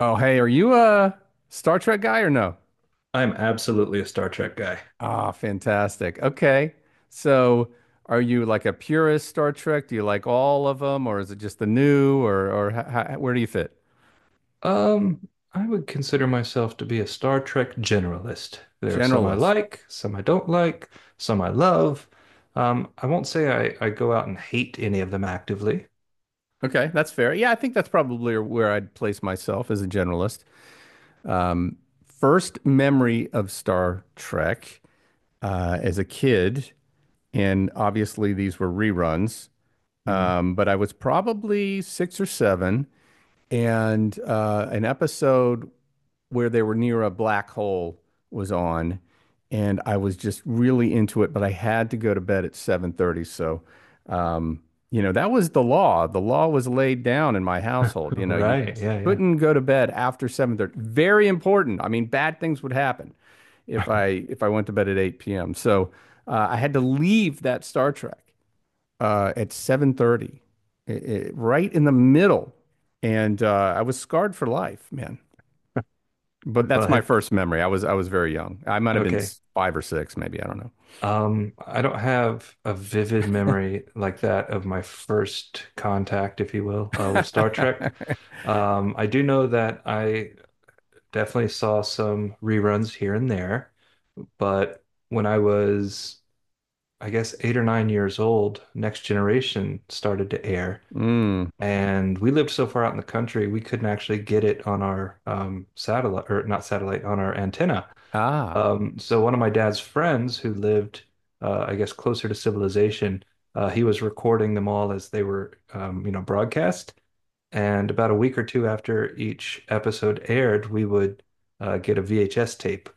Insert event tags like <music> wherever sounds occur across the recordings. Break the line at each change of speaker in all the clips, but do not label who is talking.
Oh, hey, are you a Star Trek guy or no?
I'm absolutely a Star Trek guy.
Ah, fantastic. Okay. So, are you like a purist Star Trek? Do you like all of them or is it just the new or how, where do you fit?
I would consider myself to be a Star Trek generalist. There are some I
Generalist.
like, some I don't like, some I love. I won't say I go out and hate any of them actively.
Okay, that's fair. Yeah, I think that's probably where I'd place myself as a generalist. Um, First memory of Star Trek as a kid, and obviously these were reruns,
Mhm.
but I was probably six or seven. And an episode where they were near a black hole was on, and I was just really into it, but I had to go to bed at 7:30, so um, you know, that was the law. The law was laid down in my household. You
<laughs>
know, you
Right, yeah, yeah.
couldn't go to bed after 7:30. Very important. I mean, bad things would happen if I went to bed at 8 p.m. So I had to leave that Star Trek at 7:30, right in the middle, and I was scarred for life, man. But that's
Well,
my
have-
first memory. I was very young. I might have been
okay.
five or six, maybe. I don't
I don't have a vivid memory like that of my first contact, if you will,
know.
with Star Trek.
<laughs>
I do know that I definitely saw some reruns here and there. But when I was, I guess, 8 or 9 years old, Next Generation started to air.
Mm.
And we lived so far out in the country, we couldn't actually get it on our satellite, or not satellite, on our antenna.
Ah,
So one of my dad's friends who lived, I guess, closer to civilization, he was recording them all as they were, you know, broadcast. And about a week or two after each episode aired, we would get a VHS tape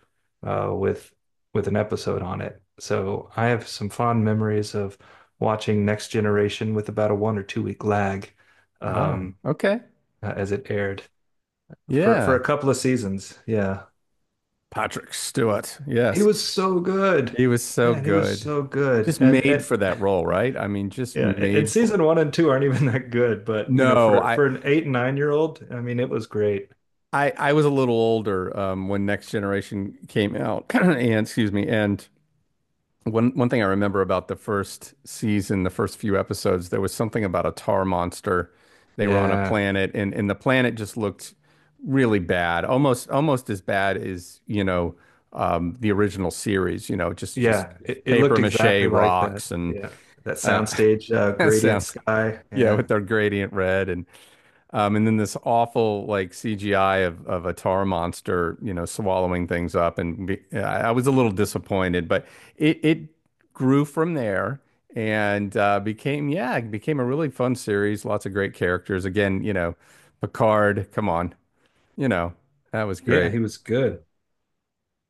uh, with with an episode on it. So I have some fond memories of watching Next Generation with about a 1 or 2 week lag,
ah,
um,
okay.
as it aired for
Yeah.
a couple of seasons. Yeah,
Patrick Stewart.
he
Yes.
was so good,
He was so
man. He was
good.
so good,
Just
and
made
and
for that role, right? I mean, just
yeah, and
made for it.
season one and two aren't even <laughs> that good, but you know,
No,
for for an 8 and 9 year old, I mean, it was great.
I was a little older when Next Generation came out, <clears throat> and excuse me, and one thing I remember about the first season, the first few episodes, there was something about a tar monster. They were on a
Yeah.
planet and the planet just looked really bad. Almost as bad as, you know, the original series, you know, just
Yeah, it
paper
looked
mache
exactly like that.
rocks and
Yeah, that
uh
soundstage
<laughs>
gradient
sounds
sky.
yeah,
Yeah,
with their gradient red and then this awful like CGI of a tar monster, you know, swallowing things up, and I was a little disappointed, but it grew from there and became yeah, it became a really fun series. Lots of great characters. Again, you know, Picard, come on, you know, that was
yeah,
great.
he was good.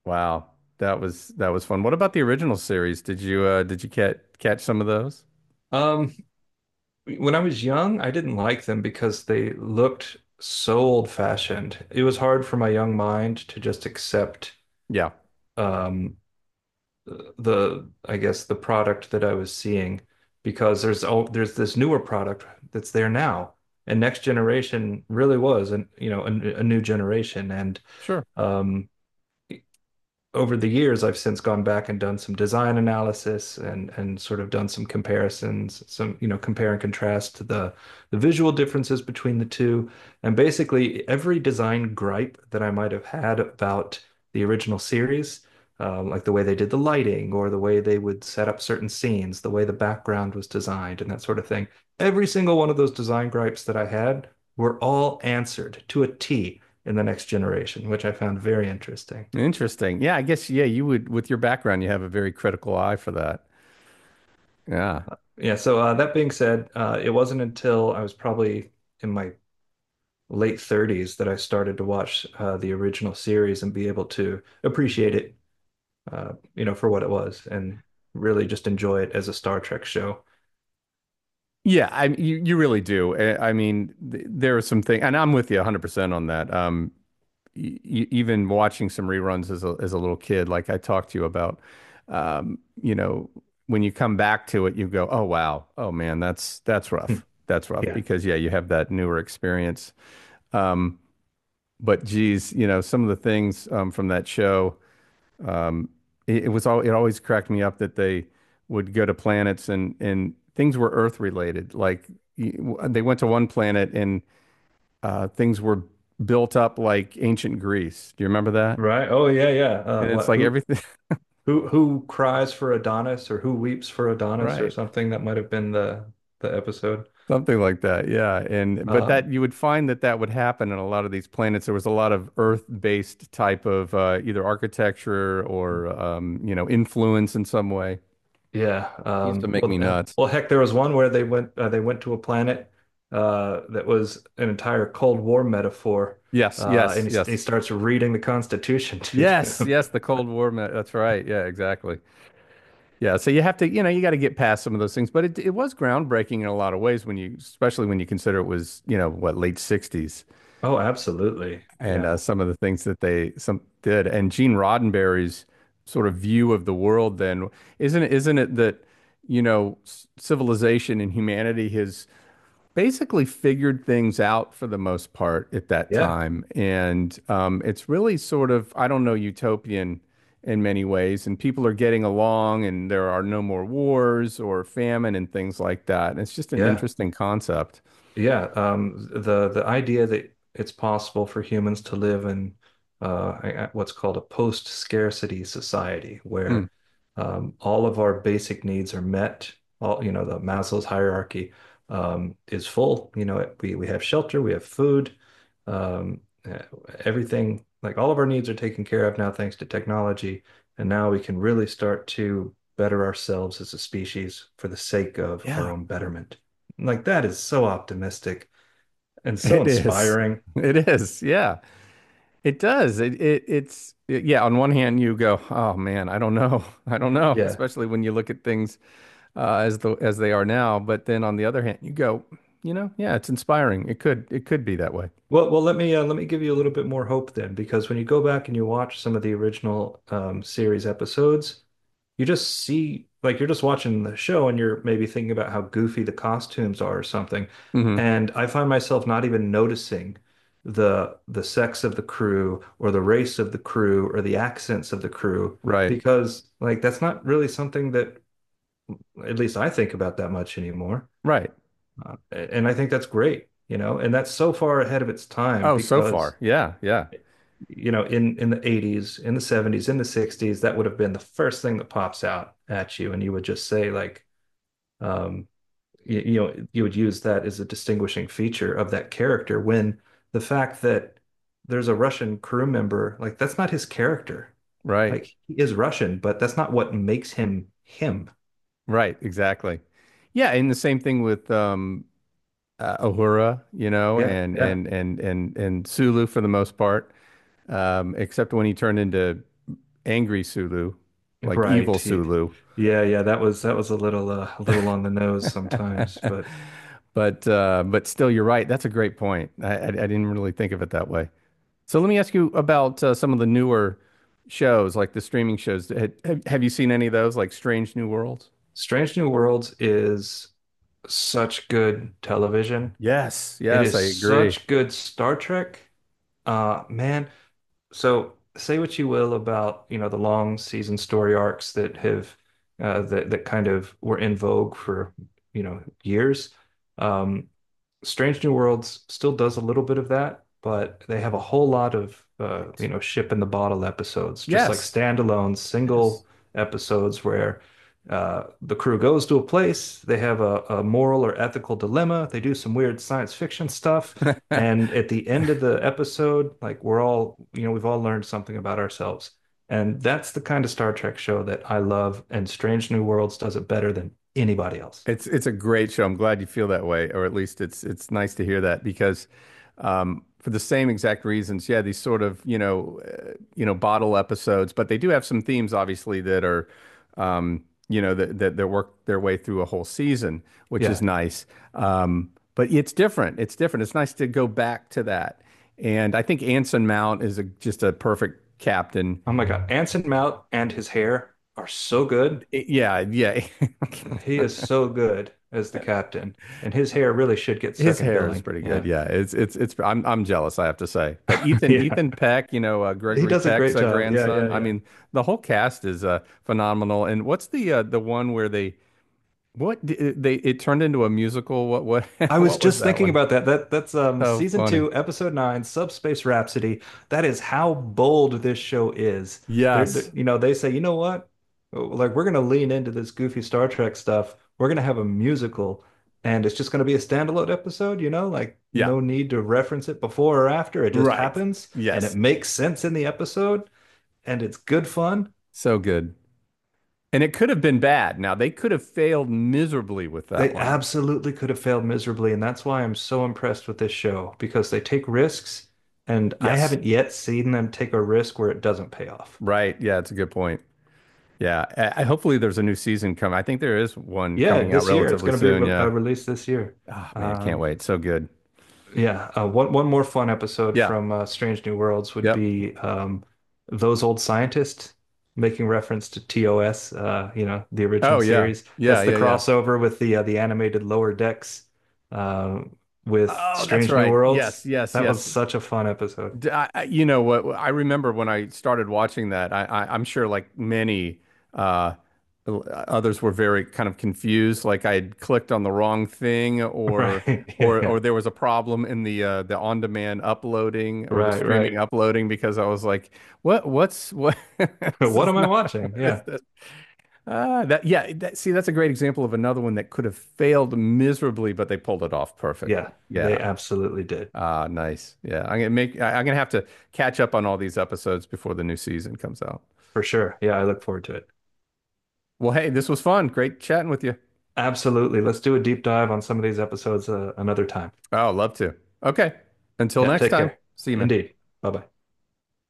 Wow, that was fun. What about the original series? Did you catch some of those?
Um, when I was young, I didn't like them because they looked so old-fashioned. It was hard for my young mind to just accept
Yeah,
um, the, I guess, the product that I was seeing because there's this newer product that's there now, and Next Generation really was, and you know, a new generation, and
sure.
um, over the years, I've since gone back and done some design analysis and sort of done some comparisons, some, you know, compare and contrast to the visual differences between the two. And basically, every design gripe that I might have had about the original series, like the way they did the lighting or the way they would set up certain scenes, the way the background was designed, and that sort of thing, every single one of those design gripes that I had were all answered to a T in the next generation, which I found very interesting.
Interesting. Yeah, I guess yeah, you would with your background, you have a very critical eye for that. Yeah.
Yeah, so that being said, it wasn't until I was probably in my late 30s that I started to watch the original series and be able to appreciate it, you know, for what it was and really just enjoy it as a Star Trek show.
Yeah, you really do. I mean, th there are some things, and I'm with you 100% on that. Even watching some reruns as a little kid, like I talked to you about, you know, when you come back to it, you go, "Oh wow, oh man, that's
Hmm.
rough. That's rough."
Yeah.
Because yeah, you have that newer experience. Um, but geez, you know, some of the things from that show. Um, it was all it always cracked me up that they would go to planets and things were Earth related. Like they went to one planet and things were built up like ancient Greece. Do you remember that?
Right. Oh yeah, yeah.
And it's
What?
like
Who?
everything,
Who cries for Adonis or who weeps for Adonis or
<laughs> right?
something? That might have been the episode.
Something like that. Yeah. And but
Um,
that you would find that that would happen in a lot of these planets. There was a lot of Earth-based type of either architecture or you know influence in some way.
Yeah.
It used to
Um,
make me
well, uh,
nuts.
well, heck, there was one where they went to a planet that was an entire Cold War metaphor,
Yes.
uh,
Yes.
and he, he
Yes.
starts reading the Constitution to
Yes,
them.
yes, the
<laughs>
Cold War. That's right. Yeah, exactly. Yeah, so you have to, you know, you got to get past some of those things, but it was groundbreaking in a lot of ways when you, especially when you consider it was, you know, what, late 60s
Oh, absolutely.
and
Yeah.
some of the things that they some did and Gene Roddenberry's sort of view of the world then isn't it that, you know, civilization and humanity has basically figured things out for the most part at that
Yeah.
time. And it's really sort of, I don't know, utopian in many ways. And people are getting along and there are no more wars or famine and things like that. And it's just an
Yeah.
interesting concept.
Yeah, the idea that it's possible for humans to live in what's called a post-scarcity society,
Mm.
where all of our basic needs are met. All, you know, the Maslow's hierarchy is full. You know, we have shelter, we have food, um, eh, everything, like all of our needs are taken care of now thanks to technology, and now we can really start to better ourselves as a species for the sake of our
Yeah,
own betterment. Like that is so optimistic and so
it is.
inspiring.
It is. Yeah, it does. Yeah, on one hand you go, "Oh man, I don't know. <laughs> I don't know,"
Yeah.
especially when you look at things as the as they are now. But then on the other hand, you go, you know, yeah, it's inspiring. It could be that way.
Well, let me give you a little bit more hope then, because when you go back and you watch some of the original series episodes, you just see, like you're just watching the show and you're maybe thinking about how goofy the costumes are or something.
Hmm.
And I find myself not even noticing the sex of the crew or the race of the crew or the accents of the crew
Right.
because, like, that's not really something that, at least I think about, that much anymore.
Right.
And I think that's great, you know, and that's so far ahead of its time
Oh, so
because,
far. Yeah. Yeah.
you know, in the 80s, in the 70s, in the 60s, that would have been the first thing that pops out at you, and you would just say, like, um, you know, you would use that as a distinguishing feature of that character when the fact that there's a Russian crew member, like, that's not his character.
Right.
Like, he is Russian, but that's not what makes him him.
Right. Exactly. Yeah. And the same thing with Uhura, you know,
Yeah,
and
yeah.
and and and and Sulu for the most part. Except when he turned into angry Sulu, like evil
Right. ye-
Sulu.
Yeah, yeah, that was a little on the nose
<laughs>
sometimes, but
But still, you're right. That's a great point. I didn't really think of it that way. So let me ask you about some of the newer shows, like the streaming shows. Have you seen any of those, like Strange New Worlds?
Strange New Worlds is such good television.
Yes,
It
yes,
is
I agree.
such good Star Trek. Man, so say what you will about, you know, the long season story arcs that have that kind of were in vogue for, you know, years. Um Strange New Worlds still does a little bit of that, but they have a whole lot of you know, ship in the bottle episodes, just like
Yes,
standalone
yes.
single episodes where the crew goes to a place, they have a moral or ethical dilemma, they do some weird science fiction stuff,
<laughs>
and at the end of the episode, like, we're all, you know, we've all learned something about ourselves. And that's the kind of Star Trek show that I love, and Strange New Worlds does it better than anybody else.
It's a great show. I'm glad you feel that way, or at least it's nice to hear that because for the same exact reasons, yeah, these sort of you know bottle episodes, but they do have some themes obviously that are you know that work their way through a whole season, which is
Yeah.
nice. But it's different. It's different. It's nice to go back to that. And I think Anson Mount is a, just a perfect captain.
Oh my God. Anson Mount and his hair are so good.
Yeah, yeah. <laughs>
He is so good as the captain. And his hair really should get
His
second
hair is
billing.
pretty good.
Yeah.
Yeah, it's it's. I'm jealous, I have to say. But
<laughs>
Ethan
Yeah.
Ethan Peck, you know,
He
Gregory
does a
Peck's
great job. Yeah, yeah,
grandson. I
yeah.
mean, the whole cast is phenomenal. And what's the one where they what d- they it turned into a musical? What <laughs>
I was
what was
just
that
thinking
one?
about that. That's
So
season
funny.
two, episode nine, Subspace Rhapsody. That is how bold this show is.
Yes.
You know, they say, you know what? Oh, like we're gonna lean into this goofy Star Trek stuff. We're gonna have a musical, and it's just gonna be a standalone episode, you know, like
Yeah.
no need to reference it before or after. It just
Right.
happens and it
Yes.
makes sense in the episode and it's good fun.
So good. And it could have been bad. Now they could have failed miserably with that
They
one.
absolutely could have failed miserably, and that's why I'm so impressed with this show because they take risks, and I
Yes.
haven't yet seen them take a risk where it doesn't pay off.
Right. Yeah, it's a good point. Yeah, hopefully there's a new season coming. I think there is one
Yeah,
coming out
this year it's
relatively
going to be
soon.
re
Yeah.
released this year.
Oh man, can't
Um,
wait. So good.
Yeah, one more fun episode
Yeah.
from Strange New Worlds would
Yep.
be those old scientists making reference to TOS, you know, the
Oh
original
yeah.
series.
Yeah.
That's the
Yeah. Yeah.
crossover with the animated Lower Decks uh, with
Oh, that's
Strange New
right. Yes.
Worlds.
Yes.
That was
Yes.
such a fun episode. <laughs>
You know what? I remember when I started watching that. I'm sure like many uh, others were very kind of confused. Like I had clicked on the wrong thing,
Right. Yeah, yeah.
or there was a problem in the on-demand uploading or the
Right, right.
streaming uploading because I was like, what? <laughs>
<laughs>
This
What
is
am I
not <laughs>
watching?
what is
Yeah.
this? That yeah. That, see, that's a great example of another one that could have failed miserably, but they pulled it off
Yeah,
perfectly. Yeah.
they absolutely did.
Ah, nice. I'm gonna have to catch up on all these episodes before the new season comes out.
For sure. Yeah, I look forward to it.
Well, hey, this was fun. Great chatting with you.
Absolutely. Let's do a deep dive on some of these episodes another time.
Oh, love to. Okay. Until
Yeah,
next
take
time.
care.
See you, man.
Indeed. Bye bye.